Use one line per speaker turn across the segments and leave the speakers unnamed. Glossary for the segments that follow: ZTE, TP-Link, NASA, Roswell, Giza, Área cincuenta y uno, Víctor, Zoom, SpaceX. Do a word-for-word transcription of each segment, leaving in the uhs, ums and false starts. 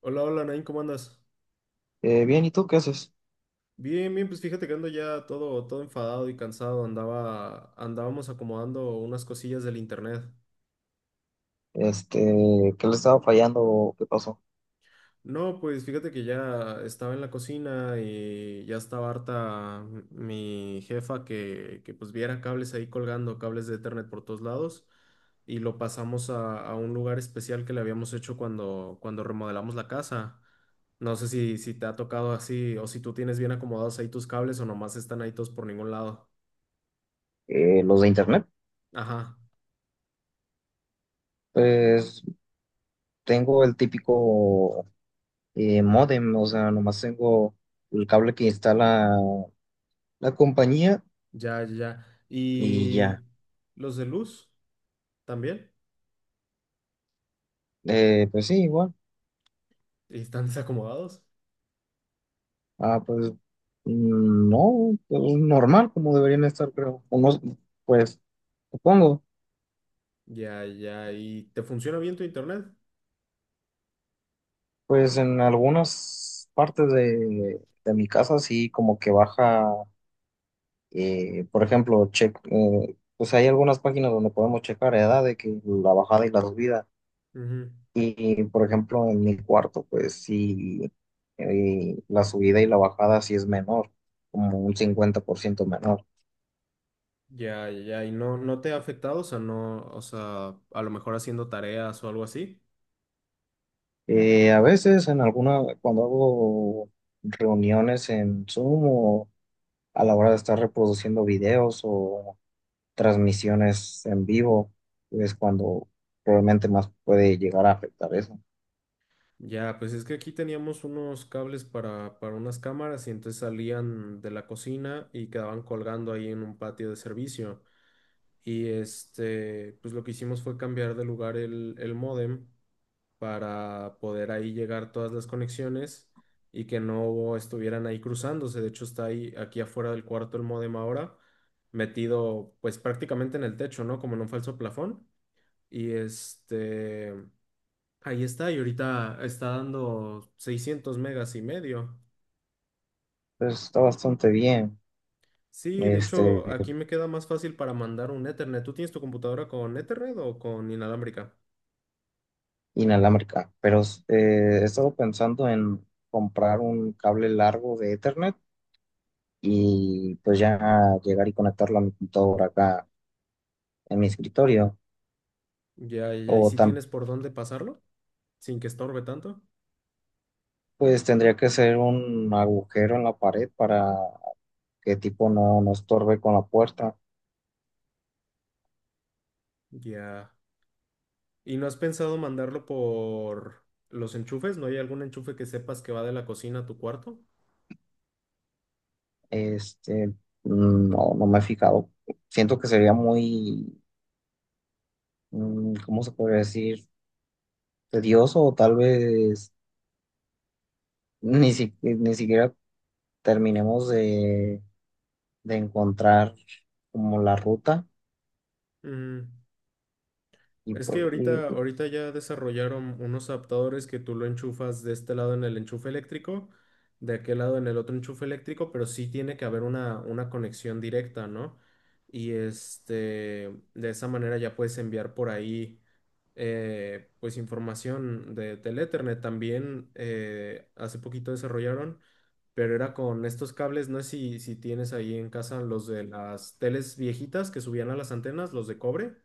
Hola, hola, Nain, ¿cómo andas?
Eh, bien, ¿y tú qué haces?
Bien, bien, pues fíjate que ando ya todo, todo enfadado y cansado. Andaba, andábamos acomodando unas cosillas del internet.
Este, ¿Qué le estaba fallando? ¿O qué pasó?
No, pues fíjate que ya estaba en la cocina y ya estaba harta mi jefa que, que pues viera cables ahí colgando, cables de Ethernet por todos lados. Y lo pasamos a, a un lugar especial que le habíamos hecho cuando, cuando remodelamos la casa. No sé si, si te ha tocado así o si tú tienes bien acomodados ahí tus cables o nomás están ahí todos por ningún lado.
Eh, los de internet.
Ajá,
Pues tengo el típico eh, módem. O sea, nomás tengo el cable que instala la compañía
ya, ya, ya.
y ya.
¿Y los de luz también?
Eh, pues sí, igual.
¿Y ¿Están desacomodados?
Ah, pues mm, no, pues normal como deberían estar, creo. Unos, pues supongo.
Ya, ya. ¿Y te funciona bien tu internet?
Pues en algunas partes de, de mi casa sí como que baja. Eh, por ejemplo, che- eh, pues hay algunas páginas donde podemos checar edad de que la bajada y la subida.
Ujú.
Y por ejemplo, en mi cuarto, pues sí, eh, la subida y la bajada sí es menor, como un cincuenta por ciento menor.
Ya, ya, ya. ¿Y no, no te ha afectado? O sea, no, o sea, a lo mejor haciendo tareas o algo así.
Eh, a veces en alguna, cuando hago reuniones en Zoom o a la hora de estar reproduciendo videos o transmisiones en vivo, es cuando probablemente más puede llegar a afectar eso.
Ya, pues es que aquí teníamos unos cables para, para unas cámaras y entonces salían de la cocina y quedaban colgando ahí en un patio de servicio. Y este, pues lo que hicimos fue cambiar de lugar el, el módem para poder ahí llegar todas las conexiones y que no estuvieran ahí cruzándose. De hecho, está ahí aquí afuera del cuarto el módem ahora, metido pues prácticamente en el techo, ¿no? Como en un falso plafón. Y este, ahí está, y ahorita está dando seiscientos megas y medio.
Pues está bastante bien.
Sí, de
este,
hecho, aquí me queda más fácil para mandar un Ethernet. ¿Tú tienes tu computadora con Ethernet o con inalámbrica?
Inalámbrica, pero eh, he estado pensando en comprar un cable largo de Ethernet y pues ya llegar y conectarlo a mi computadora acá en mi escritorio.
Ya, ya, y
O
si
tam-
tienes por dónde pasarlo, sin que estorbe tanto.
pues tendría que ser un agujero en la pared para que tipo no, no estorbe con la puerta.
Ya. ¿Y no has pensado mandarlo por los enchufes? ¿No hay algún enchufe que sepas que va de la cocina a tu cuarto?
Este, mm, no, no me he fijado. Siento que sería muy, mm, ¿cómo se podría decir? Tedioso, o tal vez ni, si- ni siquiera terminemos de, de encontrar como la ruta
Ujú.
y,
Es
pues,
que
y,
ahorita, ahorita ya desarrollaron unos adaptadores que tú lo enchufas de este lado en el enchufe eléctrico, de aquel lado en el otro enchufe eléctrico, pero sí tiene que haber una, una conexión directa, ¿no? Y este, de esa manera ya puedes enviar por ahí eh, pues información de, del Ethernet. También eh, hace poquito desarrollaron, pero era con estos cables, no sé si, si tienes ahí en casa los de las teles viejitas que subían a las antenas, los de cobre.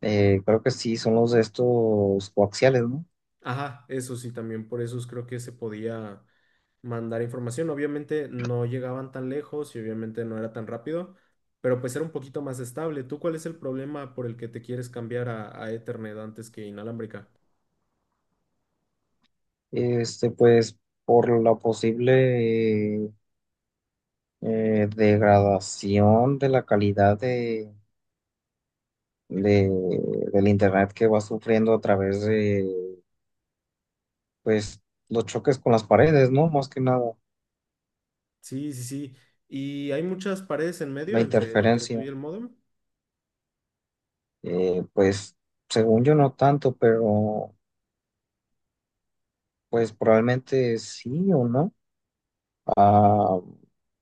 eh, Creo que sí, son los de estos coaxiales, ¿no?
Ajá, eso sí, también por eso creo que se podía mandar información. Obviamente no llegaban tan lejos y obviamente no era tan rápido, pero pues era un poquito más estable. ¿Tú cuál es el problema por el que te quieres cambiar a, a Ethernet antes que inalámbrica?
Este, pues por la posible eh, degradación de la calidad de, de- del internet que va sufriendo a través de, pues, los choques con las paredes, ¿no? Más que nada,
Sí, sí, sí. Y hay muchas paredes en
la
medio entre, entre tú y
interferencia.
el módem.
Eh, pues, según yo no tanto, pero pues probablemente sí o no. Ah,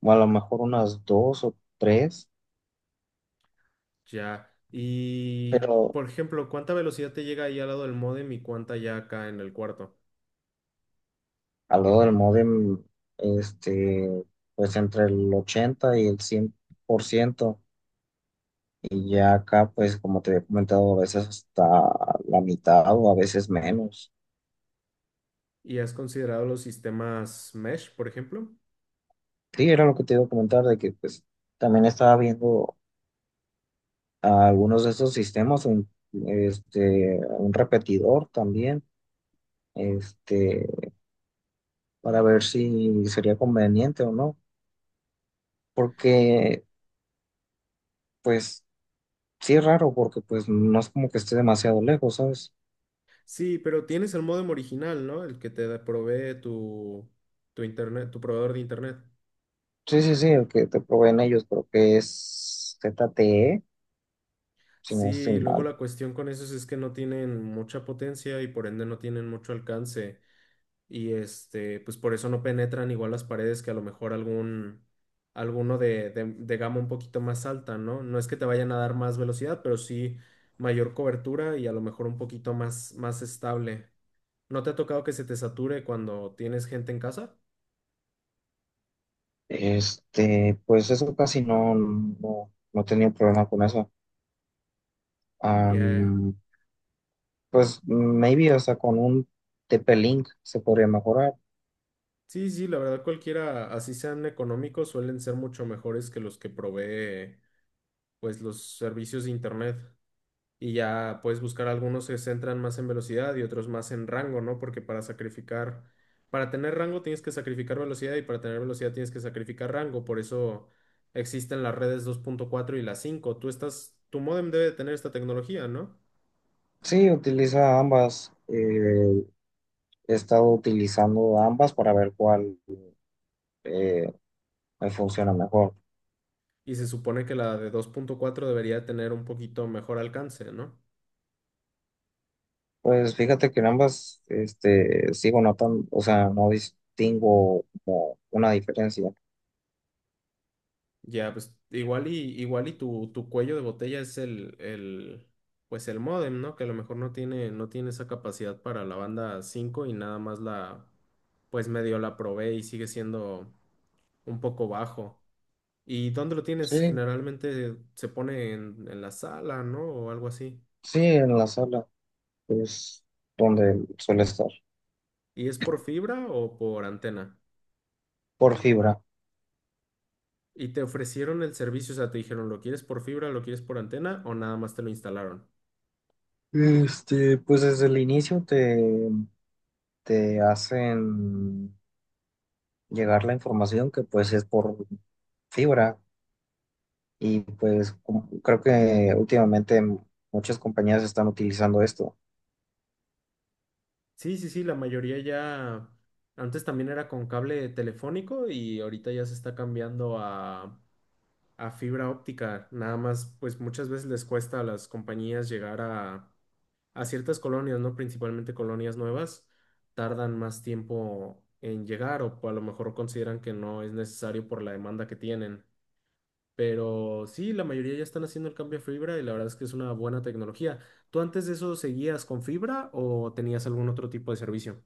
o a lo mejor unas dos o tres,
Ya. Y,
pero
por ejemplo, ¿cuánta velocidad te llega ahí al lado del módem y cuánta ya acá en el cuarto?
al lado del módem, este, pues entre el ochenta y el cien por ciento, y ya acá, pues como te había comentado, a veces hasta la mitad o a veces menos.
¿Y has considerado los sistemas mesh, por ejemplo?
Sí, era lo que te iba a comentar, de que pues también estaba viendo a algunos de esos sistemas, un, este, un repetidor también, este, para ver si sería conveniente o no, porque pues sí es raro porque pues no es como que esté demasiado lejos, ¿sabes?
Sí, pero tienes el modem original, ¿no? El que te da- provee tu, tu internet, tu proveedor de internet.
Sí, sí, sí, el que te proveen ellos creo que es Z T E, si no estoy
Sí, luego
mal.
la cuestión con esos es que no tienen mucha potencia y por ende no tienen mucho alcance. Y este, pues por eso no penetran igual las paredes que a lo mejor algún, alguno de, de, de gama un poquito más alta, ¿no? No es que te vayan a dar más velocidad, pero sí mayor cobertura y a lo mejor un poquito más, más estable. ¿No te ha tocado que se te sature cuando tienes gente en casa?
Este, pues eso casi no, no, no he tenido problema con eso.
Ya.
Am, pues maybe, o sea, con un T P-Link se podría mejorar.
Sí, sí, la verdad cualquiera, así sean económicos, suelen ser mucho mejores que los que provee pues los servicios de internet. Y ya puedes buscar algunos que se centran más en velocidad y otros más en rango, ¿no? Porque para sacrificar, para tener rango tienes que sacrificar velocidad y para tener velocidad tienes que sacrificar rango. Por eso existen las redes dos punto cuatro y las cinco. Tú estás, tu módem debe de tener esta tecnología, ¿no?
Sí, utiliza ambas. Eh, he estado utilizando ambas para ver cuál eh, me funciona mejor.
Y se supone que la de dos punto cuatro debería tener un poquito mejor alcance, ¿no?
Pues fíjate que en ambas este, sigo notando, o sea, no distingo como una diferencia.
Ya, pues igual y igual y tu, tu cuello de botella es el, el pues el módem, ¿no? Que a lo mejor no tiene, no tiene esa capacidad para la banda cinco y nada más la, pues medio la probé y sigue siendo un poco bajo. ¿Y dónde lo tienes?
Sí,
Generalmente se pone en, en la sala, ¿no? O algo así.
sí, en la sala es donde suele estar,
¿Y es por fibra o por antena?
por fibra.
¿Y te ofrecieron el servicio? O sea, te dijeron, ¿lo quieres por fibra, lo quieres por antena o nada más te lo instalaron?
Este, pues desde el inicio te, te hacen llegar la información que pues es por fibra y pues como- creo que últimamente muchas compañías están utilizando esto.
Sí, sí, sí, la mayoría ya, antes también era con cable telefónico y ahorita ya se está cambiando a, a fibra óptica. Nada más, pues muchas veces les cuesta a las compañías llegar a, a ciertas colonias, ¿no? Principalmente colonias nuevas, tardan más tiempo en llegar o a lo mejor consideran que no es necesario por la demanda que tienen. Pero sí, la mayoría ya están haciendo el cambio a fibra y la verdad es que es una buena tecnología. ¿Tú antes de eso seguías con fibra o tenías algún otro tipo de servicio?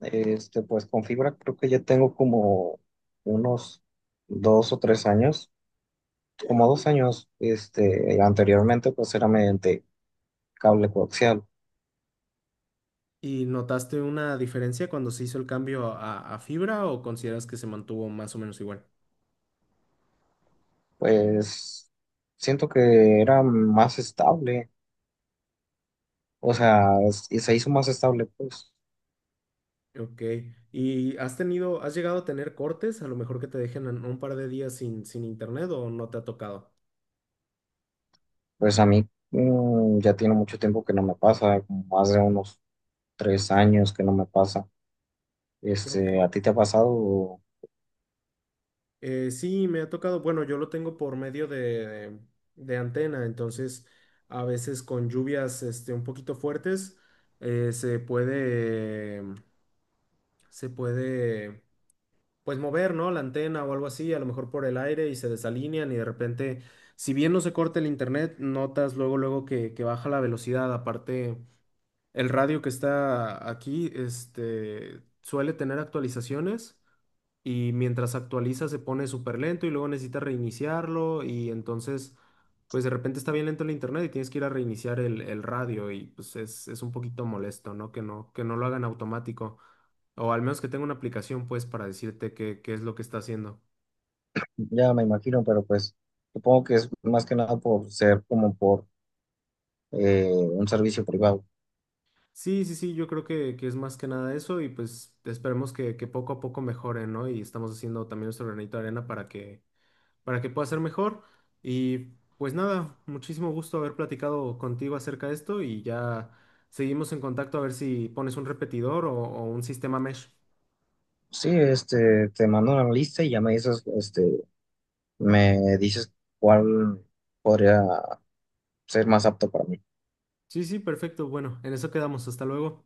Este, pues con fibra creo que ya tengo como unos dos o tres años, como dos años, este, anteriormente pues era mediante cable coaxial.
¿Y notaste una diferencia cuando se hizo el cambio a, a fibra o consideras que se mantuvo más o menos igual?
Pues siento que era más estable, o sea, es- y se hizo más estable, pues.
Ok. ¿Y has tenido, has llegado a tener cortes? A lo mejor que te dejen en un par de días sin, sin internet o no te ha tocado.
Pues a mí, mm, ya tiene mucho tiempo que no me pasa, como más de unos tres años que no me pasa.
Ok.
Este, ¿a ti te ha pasado?
Eh, sí, me ha tocado. Bueno, yo lo tengo por medio de, de antena, entonces a veces con lluvias este, un poquito fuertes eh, se puede, se puede pues mover, ¿no? La antena o algo así, a lo mejor por el aire y se desalinean y de repente, si bien no se corta el internet, notas luego, luego que, que baja la velocidad, aparte. El radio que está aquí, este, suele tener actualizaciones y mientras actualiza se pone súper lento y luego necesita reiniciarlo y entonces, pues de repente está bien lento el internet y tienes que ir a reiniciar el, el radio y pues es, es un poquito molesto, ¿no? Que no, que no lo hagan automático o al menos que tenga una aplicación pues para decirte qué, qué es lo que está haciendo.
Ya me imagino, pero pues supongo que es más que nada por ser como por eh, un servicio privado.
Sí, sí, sí, yo creo que, que es más que nada eso y pues esperemos que, que poco a poco mejore, ¿no? Y estamos haciendo también nuestro granito de arena para que para que pueda ser mejor. Y pues nada, muchísimo gusto haber platicado contigo acerca de esto y ya seguimos en contacto a ver si pones un repetidor o, o un sistema mesh.
Sí, este, te mando una lista y ya me dices, este, me dices cuál podría ser más apto para mí.
Sí, sí, perfecto. Bueno, en eso quedamos. Hasta luego.